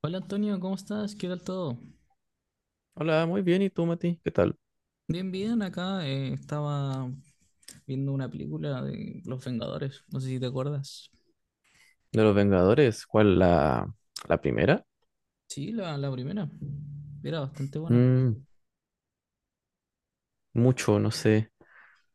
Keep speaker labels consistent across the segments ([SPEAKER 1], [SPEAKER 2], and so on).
[SPEAKER 1] Hola Antonio, ¿cómo estás? ¿Qué tal todo?
[SPEAKER 2] Hola, muy bien. ¿Y tú, Mati? ¿Qué tal?
[SPEAKER 1] Bien, bien, acá estaba viendo una película de Los Vengadores, no sé si te acuerdas.
[SPEAKER 2] De los Vengadores, ¿cuál la primera?
[SPEAKER 1] Sí, la primera, era bastante buena.
[SPEAKER 2] Mm, mucho, no sé.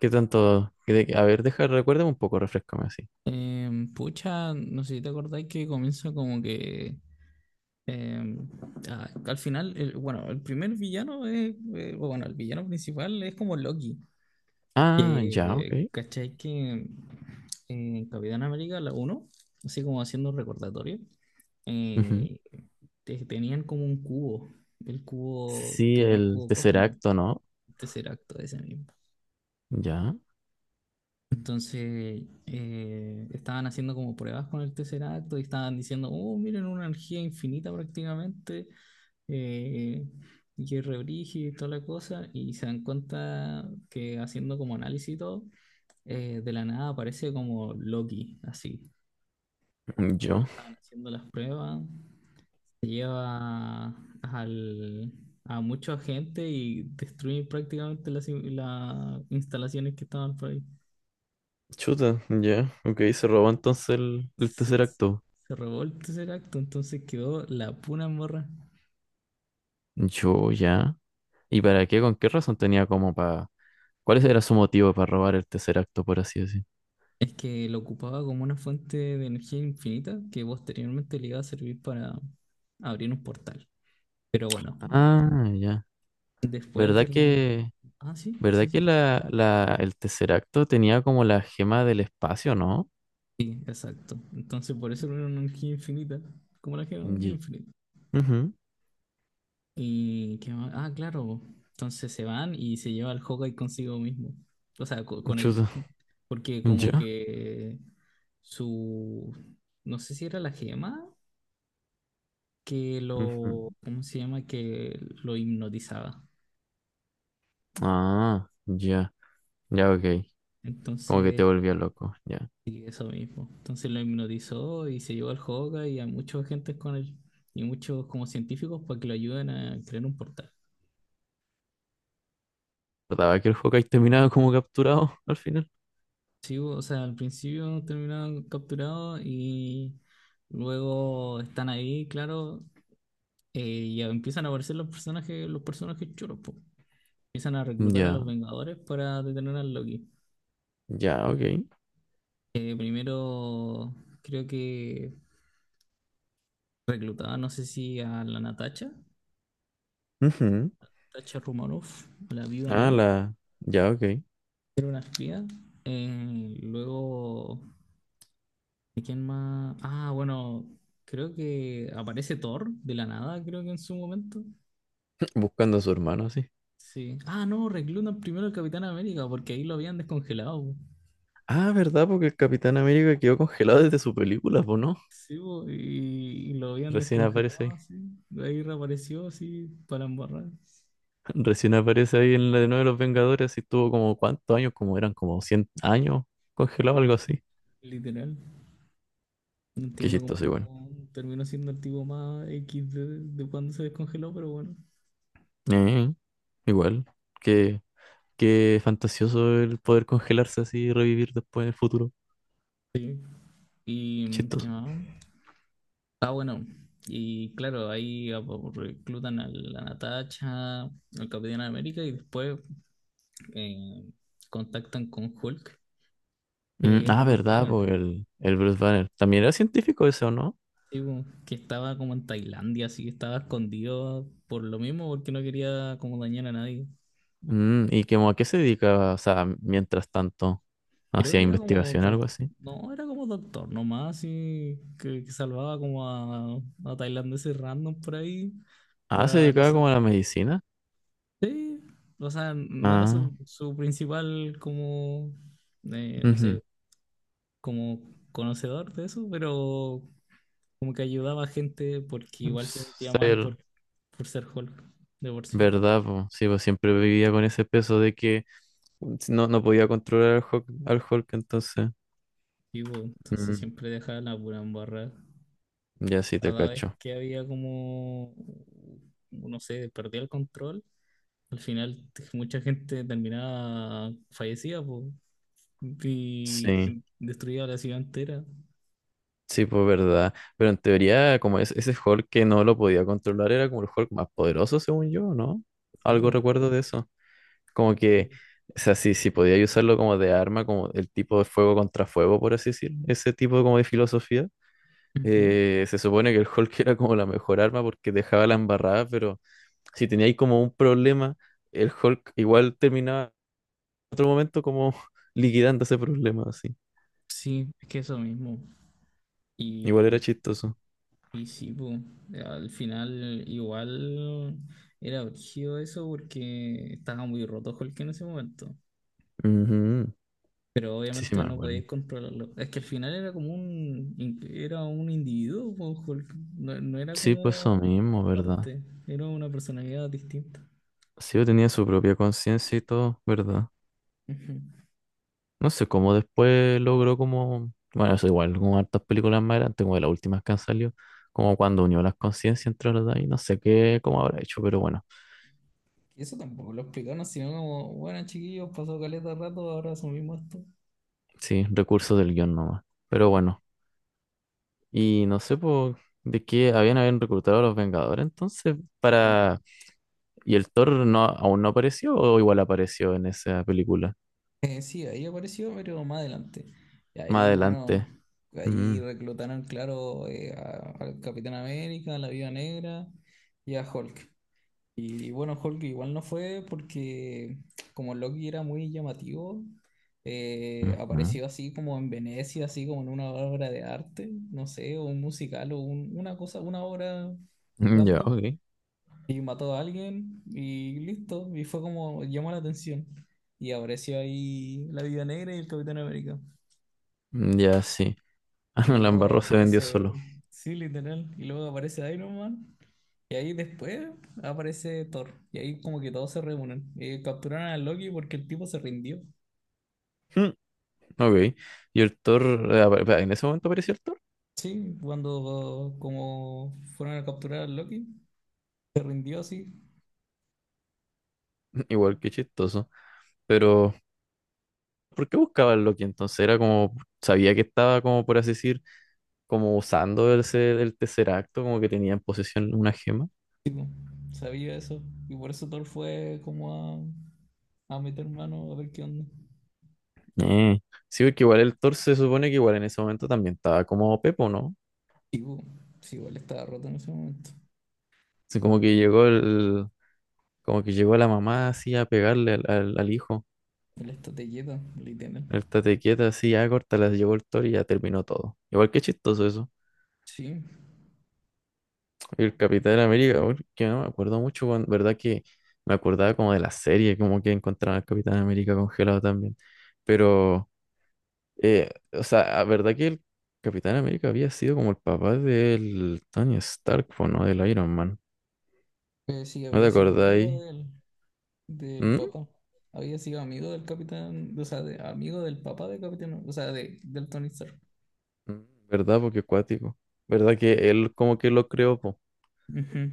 [SPEAKER 2] ¿Qué tanto? A ver, deja, recuérdame un poco, refrescame así.
[SPEAKER 1] Pucha, no sé si te acordáis que comienza como que em, al final, bueno, el primer villano es, bueno, el villano principal es como Loki.
[SPEAKER 2] Ah, ya, ok.
[SPEAKER 1] Que, ¿cachai? Que en Capitán América, la uno así como haciendo un recordatorio,
[SPEAKER 2] Ujú.
[SPEAKER 1] eh, tenían como un cubo, el cubo
[SPEAKER 2] Sí,
[SPEAKER 1] que era el
[SPEAKER 2] el
[SPEAKER 1] cubo
[SPEAKER 2] tercer
[SPEAKER 1] cósmico,
[SPEAKER 2] acto, ¿no?
[SPEAKER 1] Tesseracto ese mismo.
[SPEAKER 2] Ya,
[SPEAKER 1] Entonces, estaban haciendo como pruebas con el Tesseracto y estaban diciendo, oh, miren, una energía infinita prácticamente, eh, y que es re brígido y toda la cosa, y se dan cuenta que haciendo como análisis y todo, de la nada aparece como Loki, así.
[SPEAKER 2] mm, yo.
[SPEAKER 1] Estaban haciendo las pruebas, se lleva al, a mucha gente y destruye prácticamente las, las instalaciones que estaban por ahí.
[SPEAKER 2] Chuta, ya, ok, se robó entonces el
[SPEAKER 1] Sí,
[SPEAKER 2] tercer acto.
[SPEAKER 1] se revolta ese acto, entonces quedó la pura morra.
[SPEAKER 2] Yo, ya. ¿Y para qué? ¿Con qué razón tenía como para? ¿Cuál era su motivo para robar el tercer acto, por así decir?
[SPEAKER 1] Es que lo ocupaba como una fuente de energía infinita que posteriormente le iba a servir para abrir un portal. Pero bueno,
[SPEAKER 2] Ah, ya.
[SPEAKER 1] después
[SPEAKER 2] ¿Verdad
[SPEAKER 1] de la...
[SPEAKER 2] que?
[SPEAKER 1] Ah, sí,
[SPEAKER 2] ¿Verdad
[SPEAKER 1] sí,
[SPEAKER 2] que
[SPEAKER 1] sí.
[SPEAKER 2] el Tesseracto tenía como la gema del espacio, no?
[SPEAKER 1] Sí, exacto. Entonces, por eso era una energía infinita, como la gema del
[SPEAKER 2] Ya.
[SPEAKER 1] infinito.
[SPEAKER 2] Ujú.
[SPEAKER 1] ¿Y qué más? Ah, claro. Entonces se van y se lleva al Hawkeye consigo mismo. O sea, con él.
[SPEAKER 2] Chuta.
[SPEAKER 1] Porque como
[SPEAKER 2] Ya.
[SPEAKER 1] que su... No sé si era la gema que
[SPEAKER 2] Ujú.
[SPEAKER 1] lo... ¿Cómo se llama? Que lo hipnotizaba.
[SPEAKER 2] Ah, ya. Ya, ok. Como que te
[SPEAKER 1] Entonces,
[SPEAKER 2] volvía loco. Ya.
[SPEAKER 1] sí, eso mismo. Entonces lo hipnotizó y se llevó al Hawkeye y a muchos agentes con él. Y muchos como científicos para que lo ayuden a crear un portal.
[SPEAKER 2] Trataba que el Hawkeye terminaba como capturado al final.
[SPEAKER 1] Sí, o sea, al principio terminaron capturados y luego están ahí, claro, y ya empiezan a aparecer los personajes chulos, po. Empiezan a reclutar a
[SPEAKER 2] Ya.
[SPEAKER 1] los Vengadores para detener al Loki.
[SPEAKER 2] Ya, ok.
[SPEAKER 1] Primero creo que reclutaban, no sé si a la Natasha,
[SPEAKER 2] Ujú.
[SPEAKER 1] Natasha Romanoff, la Viuda
[SPEAKER 2] Ah,
[SPEAKER 1] Negra,
[SPEAKER 2] la. Ya, ok.
[SPEAKER 1] una espía. Luego, ¿y quién más? Ah, bueno, creo que aparece Thor de la nada, creo que en su momento.
[SPEAKER 2] Buscando a su hermano, así.
[SPEAKER 1] Sí. Ah, no, reclutan primero al Capitán América porque ahí lo habían descongelado, po.
[SPEAKER 2] Ah, ¿verdad? Porque el Capitán América quedó congelado desde su película, ¿o no?
[SPEAKER 1] Sí, po, y lo habían
[SPEAKER 2] Recién aparece ahí.
[SPEAKER 1] descongelado, sí. Ahí reapareció, así, para embarrar.
[SPEAKER 2] Recién aparece ahí en la de nuevo de los Vengadores y estuvo como cuántos años, como eran como 100 años congelado, algo así.
[SPEAKER 1] Literal. No
[SPEAKER 2] Qué
[SPEAKER 1] entiendo cómo
[SPEAKER 2] chistoso, igual.
[SPEAKER 1] no terminó siendo el tipo más X de cuando se descongeló, pero bueno.
[SPEAKER 2] Eh, igual. Qué, qué fantasioso el poder congelarse así y revivir después en el futuro.
[SPEAKER 1] ¿Y qué
[SPEAKER 2] Chistoso.
[SPEAKER 1] más? Ah, bueno. Y claro, reclutan a la Natasha, al Capitán América y después eh, contactan con Hulk,
[SPEAKER 2] Mm,
[SPEAKER 1] que es
[SPEAKER 2] ah,
[SPEAKER 1] Bruce
[SPEAKER 2] verdad,
[SPEAKER 1] Banner, po.
[SPEAKER 2] pues el Bruce Banner. También era científico ese o ¿no?
[SPEAKER 1] Sí, po, que estaba como en Tailandia, así que estaba escondido por lo mismo, porque no quería como dañar a nadie.
[SPEAKER 2] ¿Y como a qué se dedicaba? O sea, mientras tanto,
[SPEAKER 1] Creo
[SPEAKER 2] hacía
[SPEAKER 1] que era como
[SPEAKER 2] investigación, algo
[SPEAKER 1] doctor,
[SPEAKER 2] así.
[SPEAKER 1] no, era como doctor nomás, y que salvaba como a tailandeses random por ahí,
[SPEAKER 2] Ah, se
[SPEAKER 1] para, no
[SPEAKER 2] dedicaba
[SPEAKER 1] sé,
[SPEAKER 2] como a la medicina.
[SPEAKER 1] sí, o sea, no era
[SPEAKER 2] Ah,
[SPEAKER 1] su, su principal como, no
[SPEAKER 2] ujú.
[SPEAKER 1] sé, como conocedor de eso, pero como que ayudaba a gente porque igual
[SPEAKER 2] Ups,
[SPEAKER 1] se sentía mal
[SPEAKER 2] sabía,
[SPEAKER 1] por ser Hulk, de por sí.
[SPEAKER 2] ¿verdad? Po? Sí, pues siempre vivía con ese peso de que si no, no podía controlar al Hulk, entonces.
[SPEAKER 1] Sí, po, entonces
[SPEAKER 2] Mm,
[SPEAKER 1] siempre dejaba la pura embarrada.
[SPEAKER 2] ya sí te
[SPEAKER 1] Cada vez
[SPEAKER 2] cacho.
[SPEAKER 1] que había como, no sé, perdía el control, al final mucha gente terminaba fallecida, po, y
[SPEAKER 2] Sí,
[SPEAKER 1] destruía la ciudad entera.
[SPEAKER 2] sí, pues verdad. Pero en teoría, como es, ese Hulk que no lo podía controlar era como el Hulk más poderoso, según yo, ¿no?
[SPEAKER 1] Sí,
[SPEAKER 2] Algo
[SPEAKER 1] po.
[SPEAKER 2] recuerdo de eso. Como que, o sea, sí, sí, podía usarlo como de arma, como el tipo de fuego contra fuego, por así decir. Ese tipo como de filosofía.
[SPEAKER 1] Ujú.
[SPEAKER 2] Se supone que el Hulk era como la mejor arma porque dejaba la embarrada, pero si teníais como un problema, el Hulk igual terminaba en otro momento como liquidando ese problema, así.
[SPEAKER 1] Sí, es que eso mismo.
[SPEAKER 2] Igual era
[SPEAKER 1] Y,
[SPEAKER 2] chistoso.
[SPEAKER 1] y sí, po, al final igual era brígido eso porque estaba muy roto Hulk en ese momento.
[SPEAKER 2] Ujú.
[SPEAKER 1] Pero
[SPEAKER 2] Sí, sí, me
[SPEAKER 1] obviamente no
[SPEAKER 2] acuerdo.
[SPEAKER 1] podéis controlarlo. Es que al final era como un, era un individuo, po, Hulk. No, no era
[SPEAKER 2] Sí, pues eso
[SPEAKER 1] como
[SPEAKER 2] mismo, ¿verdad?
[SPEAKER 1] parte, era una personalidad distinta.
[SPEAKER 2] Sí, yo tenía su propia conciencia y todo, ¿verdad?
[SPEAKER 1] Ujú.
[SPEAKER 2] No sé cómo después logró como. Bueno, eso igual, como hartas películas más grandes, como de las últimas que han salido, como cuando unió las conciencias entre las dos, y no sé qué, cómo habrá hecho, pero bueno.
[SPEAKER 1] Eso tampoco lo explicaron, sino como, bueno, chiquillos, pasó caleta de rato, ahora asumimos esto.
[SPEAKER 2] Sí, recursos del guión nomás. Pero bueno, y no sé po, de qué habían reclutado a los Vengadores entonces
[SPEAKER 1] Sí, po.
[SPEAKER 2] para. ¿Y el Thor no, aún no apareció o igual apareció en esa película?
[SPEAKER 1] Sí, ahí apareció, pero más adelante. Y
[SPEAKER 2] Más
[SPEAKER 1] ahí, bueno,
[SPEAKER 2] adelante. Mm,
[SPEAKER 1] ahí reclutaron, claro, al Capitán América, a la Viuda Negra y a Hulk. Y bueno, Hulk igual no fue porque como Loki era muy llamativo,
[SPEAKER 2] ujú.
[SPEAKER 1] apareció así como en Venecia, así como en una obra de arte, no sé, o un musical o una cosa, una obra
[SPEAKER 2] Mm, ya,
[SPEAKER 1] random.
[SPEAKER 2] ok.
[SPEAKER 1] Y mató a alguien y listo, y fue como llamó la atención. Y apareció ahí la Viuda Negra y el Capitán América.
[SPEAKER 2] Mm, ya, sí. Ah, no,
[SPEAKER 1] Y
[SPEAKER 2] la
[SPEAKER 1] luego
[SPEAKER 2] embarró se vendió
[SPEAKER 1] aparece,
[SPEAKER 2] solo.
[SPEAKER 1] sí, literal, y luego aparece Iron Man. Y ahí después aparece Thor. Y ahí como que todos se reúnen. Capturaron a Loki porque el tipo se rindió.
[SPEAKER 2] Mm, ok. Y el Thor, en ese momento apareció el Thor.
[SPEAKER 1] Sí, cuando como fueron a capturar a Loki, se rindió así.
[SPEAKER 2] Igual que chistoso. Pero, ¿por qué buscaba el Loki entonces? Era como, sabía que estaba como, por así decir, como usando ese, el tercer acto, como que tenía en posesión una gema.
[SPEAKER 1] Tipo, sabía eso. Y por eso Thor fue como a meter mano a ver qué onda.
[SPEAKER 2] Eh. Sí, porque igual el Thor se supone que igual en ese momento también estaba como Pepo, ¿no?
[SPEAKER 1] Tipo, sí, igual estaba roto en ese momento.
[SPEAKER 2] Así como que llegó la mamá así a pegarle al hijo.
[SPEAKER 1] Él está telleta, literal.
[SPEAKER 2] El tate quieta así, ya corta, las llegó el Thor y ya terminó todo. Igual que chistoso eso.
[SPEAKER 1] Sí,
[SPEAKER 2] El Capitán América, bueno, que no me acuerdo mucho, verdad que me acordaba como de la serie, como que encontraban al Capitán América congelado también. Pero o sea, la verdad que el Capitán América había sido como el papá del Tony Stark, po, ¿no? Del Iron Man.
[SPEAKER 1] sí,
[SPEAKER 2] ¿No te
[SPEAKER 1] había sido amigo
[SPEAKER 2] acordáis?
[SPEAKER 1] de él, del
[SPEAKER 2] ¿Mm?
[SPEAKER 1] Papa. Había sido amigo del capitán, o sea, de, amigo del papá del capitán, o sea, de, del Tony Stark.
[SPEAKER 2] Mm, ¿verdad? Porque cuático. ¿Verdad que él como que lo creó, po?
[SPEAKER 1] Ujú.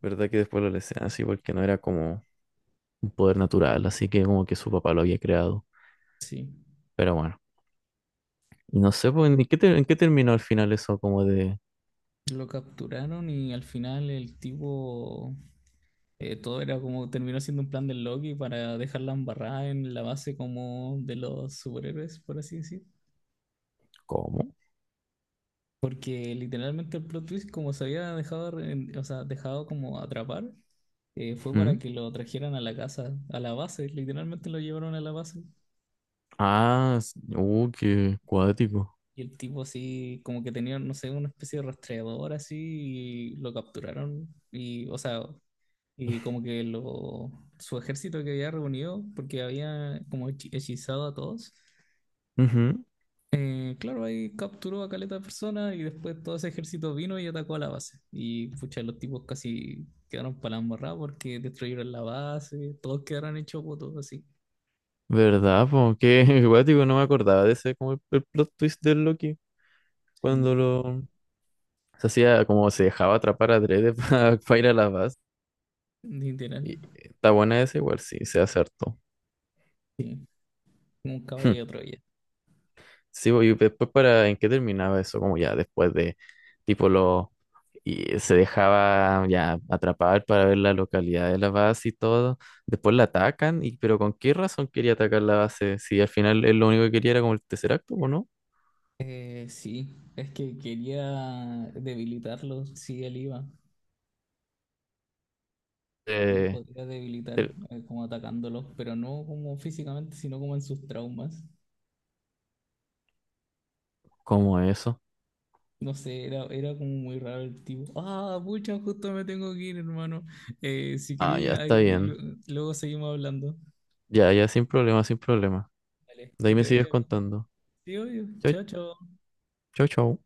[SPEAKER 2] ¿Verdad que después lo desean así? Porque no era como un poder natural, así que como que su papá lo había creado.
[SPEAKER 1] Sí,
[SPEAKER 2] Pero bueno. Y no sé, pues, ¿en qué terminó al final eso como de?
[SPEAKER 1] lo capturaron y al final el tipo, todo era como, terminó siendo un plan del Loki para dejarla embarrada en la base como de los superhéroes, por así decir.
[SPEAKER 2] ¿Cómo?
[SPEAKER 1] Porque literalmente el plot twist, como se había dejado, o sea, dejado como atrapar, fue para
[SPEAKER 2] ¿Mm?
[SPEAKER 1] que lo trajeran a la casa, a la base, literalmente lo llevaron a la base.
[SPEAKER 2] Ah, qué cuático.
[SPEAKER 1] Y el tipo así, como que tenía, no sé, una especie de rastreador así, y lo capturaron. Y, o sea, y como que lo, su ejército que había reunido, porque había como hechizado a todos. Eh, claro, ahí capturó a caleta de personas y después todo ese ejército vino y atacó a la base. Y pucha, los tipos casi quedaron para la embarrada porque destruyeron la base, todos quedaron hechos votos así.
[SPEAKER 2] ¿Verdad? Po? Qué guático, no me acordaba de ese como el plot twist del Loki
[SPEAKER 1] Sí,
[SPEAKER 2] cuando lo se hacía como se dejaba atrapar a Dredd para ir a la base.
[SPEAKER 1] literal.
[SPEAKER 2] Y está buena esa igual, sí, se acertó.
[SPEAKER 1] Sí, como un caballo
[SPEAKER 2] Hmm.
[SPEAKER 1] de Troya.
[SPEAKER 2] Sí, bo, y después para en qué terminaba eso, como ya después de tipo lo y se dejaba ya atrapar para ver la localidad de la base y todo. Después la atacan, y pero ¿con qué razón quería atacar la base? Si al final él lo único que quería era como el tercer acto, ¿o no?
[SPEAKER 1] Sí, es que quería debilitarlos, sí, él iba, los
[SPEAKER 2] Eh,
[SPEAKER 1] podía debilitar
[SPEAKER 2] del-
[SPEAKER 1] como atacándolos, pero no como físicamente, sino como en sus traumas.
[SPEAKER 2] ¿Cómo eso?
[SPEAKER 1] No sé, era, era como muy raro el tipo. Ah, pucha, justo me tengo que ir, hermano. Si
[SPEAKER 2] Ah, ya
[SPEAKER 1] quería,
[SPEAKER 2] está bien.
[SPEAKER 1] luego seguimos hablando.
[SPEAKER 2] Ya, ya, sin problema, sin problema.
[SPEAKER 1] Vale,
[SPEAKER 2] De
[SPEAKER 1] que
[SPEAKER 2] ahí me
[SPEAKER 1] te
[SPEAKER 2] sigues
[SPEAKER 1] vaya bien.
[SPEAKER 2] contando.
[SPEAKER 1] Sí, obvio.
[SPEAKER 2] Chau,
[SPEAKER 1] Chao, chao.
[SPEAKER 2] chau, chau.